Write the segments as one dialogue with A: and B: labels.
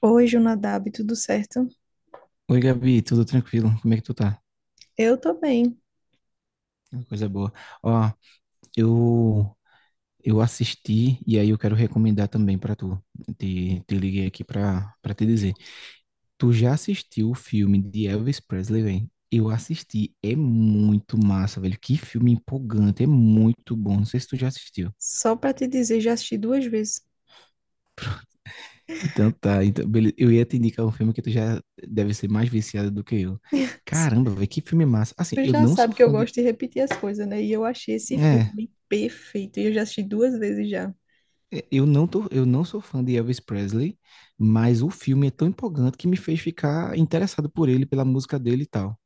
A: Oi, Jonadab, tudo certo?
B: Oi, Gabi, tudo tranquilo? Como é que tu tá?
A: Eu tô bem.
B: Coisa boa. Ó, eu eu assisti e aí eu quero recomendar também pra tu. Te liguei aqui pra para te dizer. Tu já assistiu o filme de Elvis Presley, velho? Eu assisti, é muito massa, velho. Que filme empolgante, é muito bom. Não sei se tu já assistiu.
A: Só pra te dizer, já assisti duas vezes.
B: Então tá, então, beleza. Eu ia te indicar um filme que tu já deve ser mais viciado do que eu. Caramba, velho, que filme massa. Assim,
A: Tu
B: eu
A: já
B: não sou
A: sabe que eu
B: fã de.
A: gosto de repetir as coisas, né? E eu achei esse
B: É,
A: filme perfeito. E eu já assisti duas vezes já.
B: é, eu não tô, eu não sou fã de Elvis Presley, mas o filme é tão empolgante que me fez ficar interessado por ele, pela música dele e tal.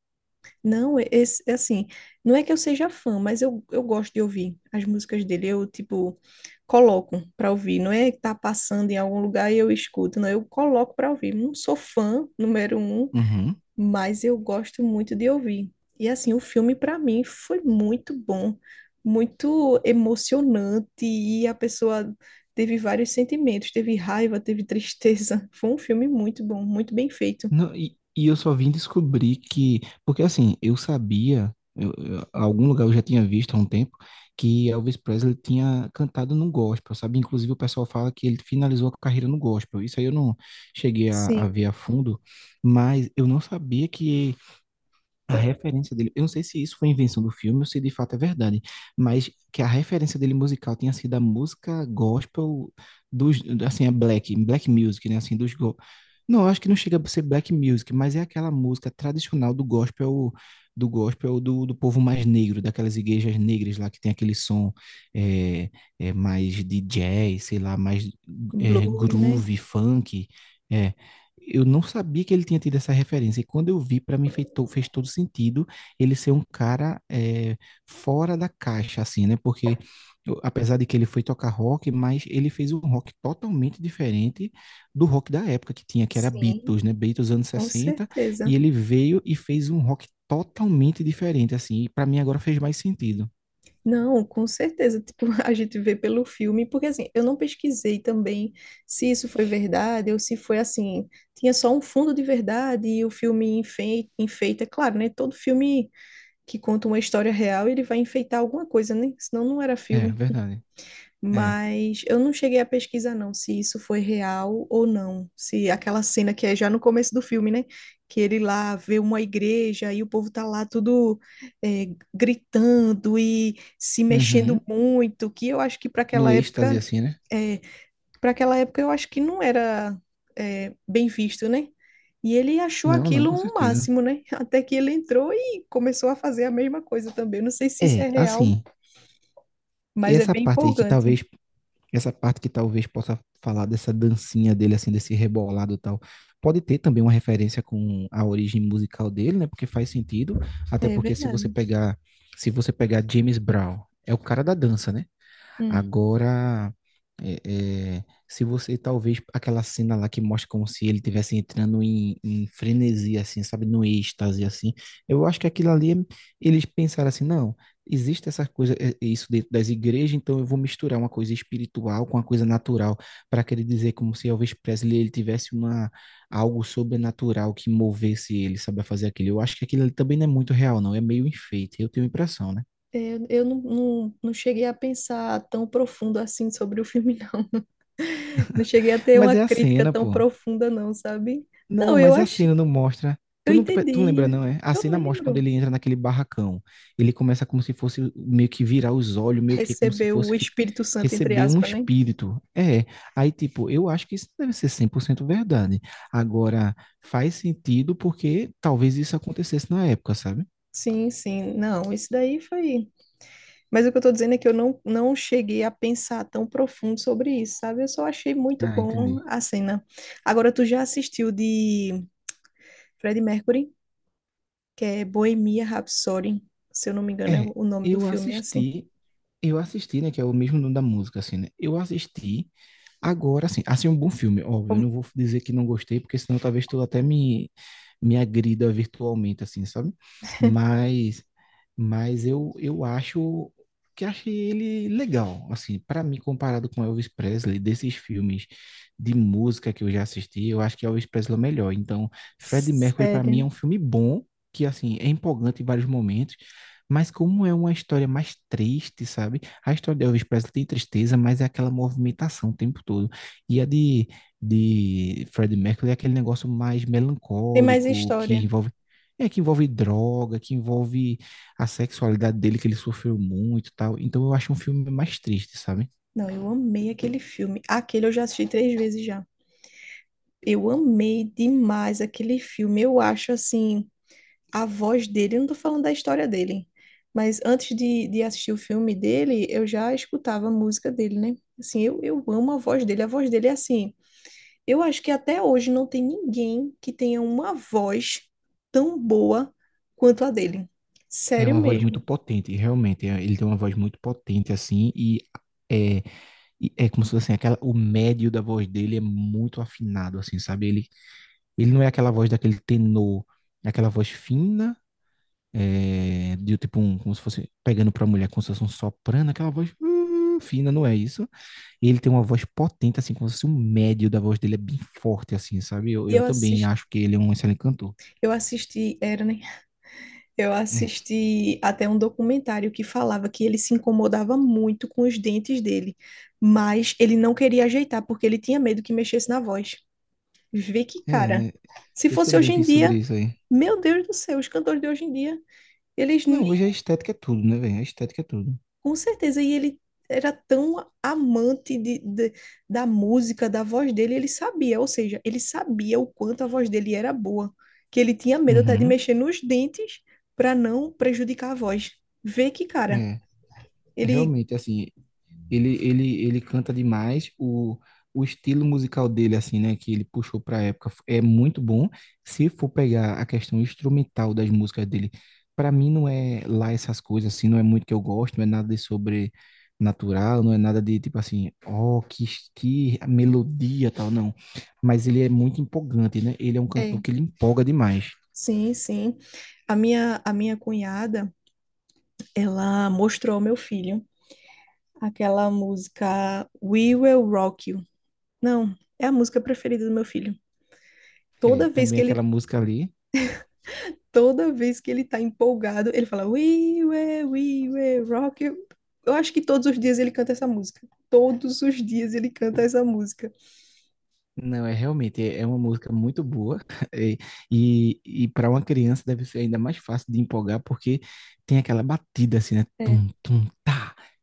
A: Não, esse, é assim, não é que eu seja fã, mas eu gosto de ouvir as músicas dele. Eu, tipo, coloco pra ouvir. Não é que tá passando em algum lugar e eu escuto, não. Eu coloco pra ouvir. Não sou fã, número um.
B: Uhum.
A: Mas eu gosto muito de ouvir. E assim, o filme para mim foi muito bom, muito emocionante e a pessoa teve vários sentimentos, teve raiva, teve tristeza. Foi um filme muito bom, muito bem feito.
B: Não, e, eu só vim descobrir que, porque assim, eu sabia, algum lugar eu já tinha visto há um tempo, que Elvis Presley tinha cantado no gospel, sabe? Inclusive o pessoal fala que ele finalizou a carreira no gospel. Isso aí eu não cheguei a
A: Sim.
B: ver a fundo, mas eu não sabia que a referência dele, eu não sei se isso foi invenção do filme ou se de fato é verdade, mas que a referência dele musical tinha sido a música gospel dos, assim, a black, black music, né, assim, Não, eu acho que não chega a ser black music, mas é aquela música tradicional do gospel, do gospel do povo mais negro, daquelas igrejas negras lá que tem aquele som, é, mais de jazz, sei lá, mais
A: Blues, né?
B: groove, funk. é, eu não sabia que ele tinha tido essa referência. E quando eu vi, para mim fez todo sentido ele ser um cara fora da caixa, assim, né? Porque apesar de que ele foi tocar rock, mas ele fez um rock totalmente diferente do rock da época que tinha, que era
A: Sim.
B: Beatles, né? Beatles anos
A: Com
B: sessenta E
A: certeza.
B: ele veio e fez um rock totalmente diferente, assim. E para mim agora fez mais sentido.
A: Não, com certeza. Tipo, a gente vê pelo filme, porque assim, eu não pesquisei também se isso foi verdade ou se foi assim, tinha só um fundo de verdade e o filme enfeita, claro, né? Todo filme que conta uma história real, ele vai enfeitar alguma coisa, né? Senão não era
B: É,
A: filme.
B: verdade. É.
A: Mas eu não cheguei a pesquisar, não, se isso foi real ou não. Se aquela cena que é já no começo do filme, né? Que ele lá vê uma igreja e o povo tá lá tudo é, gritando e se mexendo
B: Uhum.
A: muito, que eu acho que para aquela
B: No êxtase,
A: época,
B: assim, né?
A: é, para aquela época eu acho que não era bem visto, né? E ele achou
B: Não, não,
A: aquilo
B: com
A: um
B: certeza.
A: máximo, né? Até que ele entrou e começou a fazer a mesma coisa também. Eu não sei se isso
B: É,
A: é real,
B: assim,
A: mas é
B: essa
A: bem
B: parte aí que
A: empolgante.
B: talvez essa parte que talvez possa falar dessa dancinha dele, assim, desse rebolado e tal, pode ter também uma referência com a origem musical dele, né? Porque faz sentido, até
A: É
B: porque
A: verdade.
B: se você pegar James Brown, é o cara da dança, né?
A: Hum.
B: Agora, é, se você talvez aquela cena lá que mostra como se ele estivesse entrando em frenesi, assim, sabe, no êxtase, assim, eu acho que aquilo ali, eles pensaram assim, não, existe essa coisa, é isso dentro das igrejas, então eu vou misturar uma coisa espiritual com uma coisa natural, para querer dizer como se Elvis Presley ele tivesse uma algo sobrenatural que movesse ele, sabe, a fazer aquilo. Eu acho que aquilo ali também não é muito real, não, é meio enfeite, eu tenho a impressão, né?
A: É, eu não cheguei a pensar tão profundo assim sobre o filme, não. Não cheguei a ter uma
B: Mas é a
A: crítica
B: cena,
A: tão
B: pô.
A: profunda, não, sabe?
B: Não,
A: Não, eu
B: mas a
A: acho,
B: cena não mostra.
A: eu
B: Tu não, tu não
A: entendi.
B: lembra, não, é? A
A: Eu
B: cena mostra quando
A: lembro.
B: ele entra naquele barracão. Ele começa como se fosse meio que virar os olhos, meio que como se
A: Recebeu o
B: fosse
A: Espírito Santo, entre
B: receber um
A: aspas, né?
B: espírito. É. Aí, tipo, eu acho que isso deve ser 100% verdade. Agora, faz sentido porque talvez isso acontecesse na época, sabe?
A: Sim, sim. Não, isso daí foi. Mas o que eu tô dizendo é que eu não cheguei a pensar tão profundo sobre isso, sabe? Eu só achei muito
B: Ah,
A: bom
B: entendi.
A: a cena. Agora, tu já assistiu de Freddie Mercury? Que é Bohemia Rhapsody. Se eu não me engano, é
B: É,
A: o nome do
B: eu
A: filme é assim.
B: assisti, eu assisti, né, que é o mesmo nome da música, assim, né? Eu assisti. Agora, assim, um bom filme, óbvio. Eu
A: Como-
B: não vou dizer que não gostei, porque senão talvez tu até me agrida virtualmente, assim, sabe? Mas, mas eu acho que achei ele legal, assim, para mim, comparado com Elvis Presley. Desses filmes de música que eu já assisti, eu acho que Elvis Presley é o melhor. Então, Freddie Mercury, para mim,
A: Sério.
B: é um filme bom, que, assim, é empolgante em vários momentos, mas como é uma história mais triste, sabe? A história de Elvis Presley tem tristeza, mas é aquela movimentação o tempo todo. E a de Freddie Mercury é aquele negócio mais
A: Tem mais
B: melancólico, que
A: história.
B: envolve, é, que envolve droga, que envolve a sexualidade dele, que ele sofreu muito e tal. Então eu acho um filme mais triste, sabe?
A: Não, eu amei aquele filme. Aquele eu já assisti três vezes já. Eu amei demais aquele filme. Eu acho assim, a voz dele, eu não tô falando da história dele, mas antes de assistir o filme dele, eu já escutava a música dele, né? Assim, eu amo a voz dele. A voz dele é assim, eu acho que até hoje não tem ninguém que tenha uma voz tão boa quanto a dele.
B: É
A: Sério
B: uma voz muito
A: mesmo.
B: potente, realmente. Ele tem uma voz muito potente, assim, e é, e é como se fosse assim, aquela, o médio da voz dele é muito afinado, assim, sabe? Ele não é aquela voz daquele tenor, é aquela voz fina, de tipo um, como se fosse pegando pra mulher, como se fosse um soprano, aquela voz fina, não é isso? Ele tem uma voz potente, assim, como se fosse um médio da voz dele, é bem forte, assim, sabe? Eu,
A: E
B: eu
A: eu
B: também
A: assisti,
B: acho que ele é um excelente cantor.
A: era, né? Eu
B: É,
A: assisti até um documentário que falava que ele se incomodava muito com os dentes dele, mas ele não queria ajeitar porque ele tinha medo que mexesse na voz. Vê que
B: é,
A: cara.
B: né?
A: Se
B: Eu
A: fosse
B: também
A: hoje em
B: vi sobre
A: dia,
B: isso aí.
A: meu Deus do céu, os cantores de hoje em dia, eles.
B: Não, hoje a estética é tudo, né, velho? A estética é tudo.
A: Com certeza, e ele era tão amante de, da música, da voz dele, ele sabia, ou seja, ele sabia o quanto a voz dele era boa, que ele tinha medo até de
B: Uhum.
A: mexer nos dentes para não prejudicar a voz. Vê que, cara,
B: É,
A: ele.
B: realmente, assim, ele canta demais. O estilo musical dele, assim, né, que ele puxou para a época, é muito bom. Se for pegar a questão instrumental das músicas dele, para mim não é lá essas coisas, assim, não é muito que eu gosto, não é nada de sobrenatural, não é nada de tipo assim, ó, que melodia tal, não. Mas ele é muito empolgante, né? Ele é um cantor
A: É,
B: que ele empolga demais.
A: sim, sim. A minha cunhada, ela mostrou ao meu filho aquela música We Will Rock You. Não, é a música preferida do meu filho.
B: É,
A: Toda vez
B: também
A: que ele
B: aquela música ali.
A: toda vez que ele tá empolgado, ele fala "We were, we were rock. You." Eu acho que todos os dias ele canta essa música. Todos os dias ele canta essa música.
B: Não, é realmente é uma música muito boa e, e para uma criança deve ser ainda mais fácil de empolgar porque tem aquela batida assim, né?
A: É,
B: Tum, tum,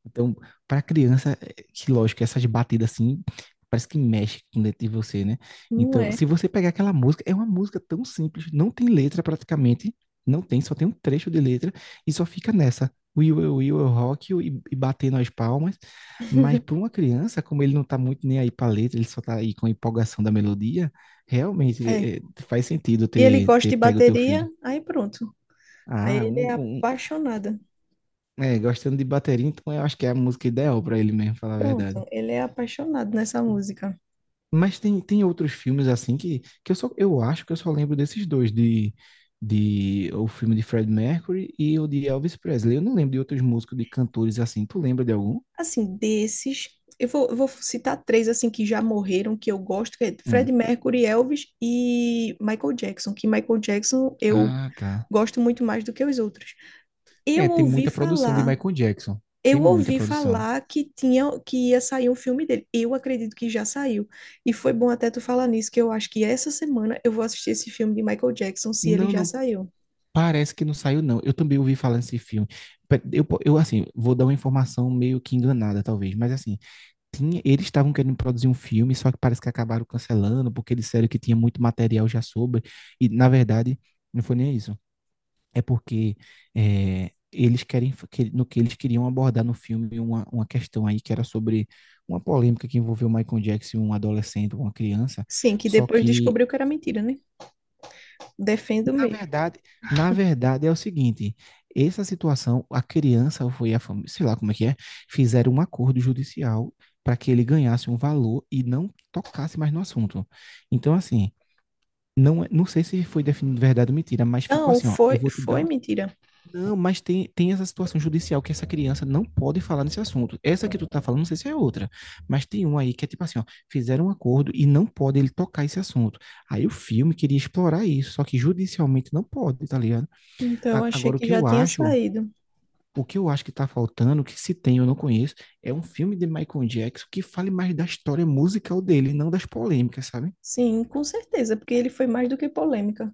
B: então, para criança, é, que lógico, essas batidas assim, parece que mexe com dentro de você, né?
A: não
B: Então,
A: é.
B: se você pegar aquela música, é uma música tão simples, não tem letra praticamente, não tem, só tem um trecho de letra e só fica nessa. Will, will, will, eu rock you, e batendo as palmas. Mas para uma criança, como ele não tá muito nem aí para letra, ele só tá aí com a empolgação da melodia, realmente
A: É.
B: faz sentido
A: E ele
B: ter,
A: gosta
B: ter
A: de
B: pego o teu
A: bateria,
B: filho.
A: aí pronto. Aí
B: Ah,
A: ele é
B: um-
A: apaixonado.
B: gostando de bateria, então eu acho que é a música ideal para ele mesmo, falar a verdade.
A: Pronto, ele é apaixonado nessa música.
B: Mas tem outros filmes assim que eu só, eu acho que eu só lembro desses dois, de, o filme de Fred Mercury e o de Elvis Presley. Eu não lembro de outros músicos, de cantores assim. Tu lembra de algum?
A: Assim, desses, eu vou citar três assim que já morreram, que eu gosto, que é
B: Hum.
A: Freddie Mercury, Elvis e Michael Jackson. Que Michael Jackson eu
B: Ah, tá.
A: gosto muito mais do que os outros. Eu
B: É, tem
A: ouvi
B: muita produção de
A: falar,
B: Michael Jackson. Tem
A: eu
B: muita
A: ouvi
B: produção.
A: falar que tinha, que ia sair um filme dele. Eu acredito que já saiu. E foi bom até tu falar nisso, que eu acho que essa semana eu vou assistir esse filme de Michael Jackson, se ele
B: Não,
A: já
B: não,
A: saiu.
B: parece que não saiu, não. Eu também ouvi falar nesse filme. Eu assim, vou dar uma informação meio que enganada, talvez, mas assim, tinha, eles estavam querendo produzir um filme, só que parece que acabaram cancelando, porque eles disseram que tinha muito material já sobre, e na verdade não foi nem isso. É porque eles querem, que- no que eles queriam abordar no filme uma questão aí que era sobre uma polêmica que envolveu o Michael Jackson, um adolescente, uma criança,
A: Sim, que
B: só
A: depois
B: que
A: descobriu que era mentira, né? Defendo
B: na
A: mesmo.
B: verdade, na verdade é o seguinte, essa situação, a criança ou foi a família, sei lá como é que é, fizeram um acordo judicial para que ele ganhasse um valor e não tocasse mais no assunto. Então, assim, não, não sei se foi definido verdade ou mentira, mas ficou
A: Não,
B: assim, ó, eu
A: foi,
B: vou te
A: foi
B: dar,
A: mentira.
B: não, mas tem essa situação judicial que essa criança não pode falar nesse assunto. Essa que tu tá falando, não sei se é outra, mas tem uma aí que é tipo assim, ó, fizeram um acordo e não pode ele tocar esse assunto. Aí o filme queria explorar isso, só que judicialmente não pode, tá ligado?
A: Então, eu achei
B: Agora o
A: que
B: que
A: já
B: eu
A: tinha
B: acho,
A: saído.
B: o que eu acho que tá faltando, que se tem eu não conheço, é um filme de Michael Jackson que fale mais da história musical dele, não das polêmicas, sabe?
A: Sim, com certeza, porque ele foi mais do que polêmica.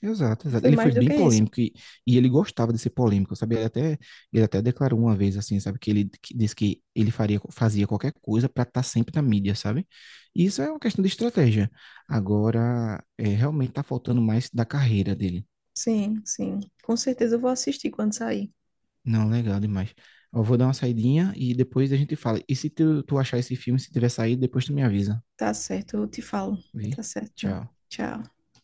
B: Exato, exato.
A: Foi
B: Ele foi
A: mais do
B: bem
A: que isso.
B: polêmico e ele gostava de ser polêmico, sabe? Ele até declarou uma vez, assim, sabe? Que ele que disse que ele faria, fazia qualquer coisa para estar sempre na mídia, sabe? E isso é uma questão de estratégia. Agora, realmente tá faltando mais da carreira dele.
A: Sim, sim. Com certeza eu vou assistir quando sair.
B: Não, legal demais. Eu vou dar uma saidinha e depois a gente fala. E se tu achar esse filme, se tiver saído, depois tu me avisa.
A: Tá certo, eu te falo. Tá
B: Vi?
A: certo.
B: Tchau.
A: Tchau.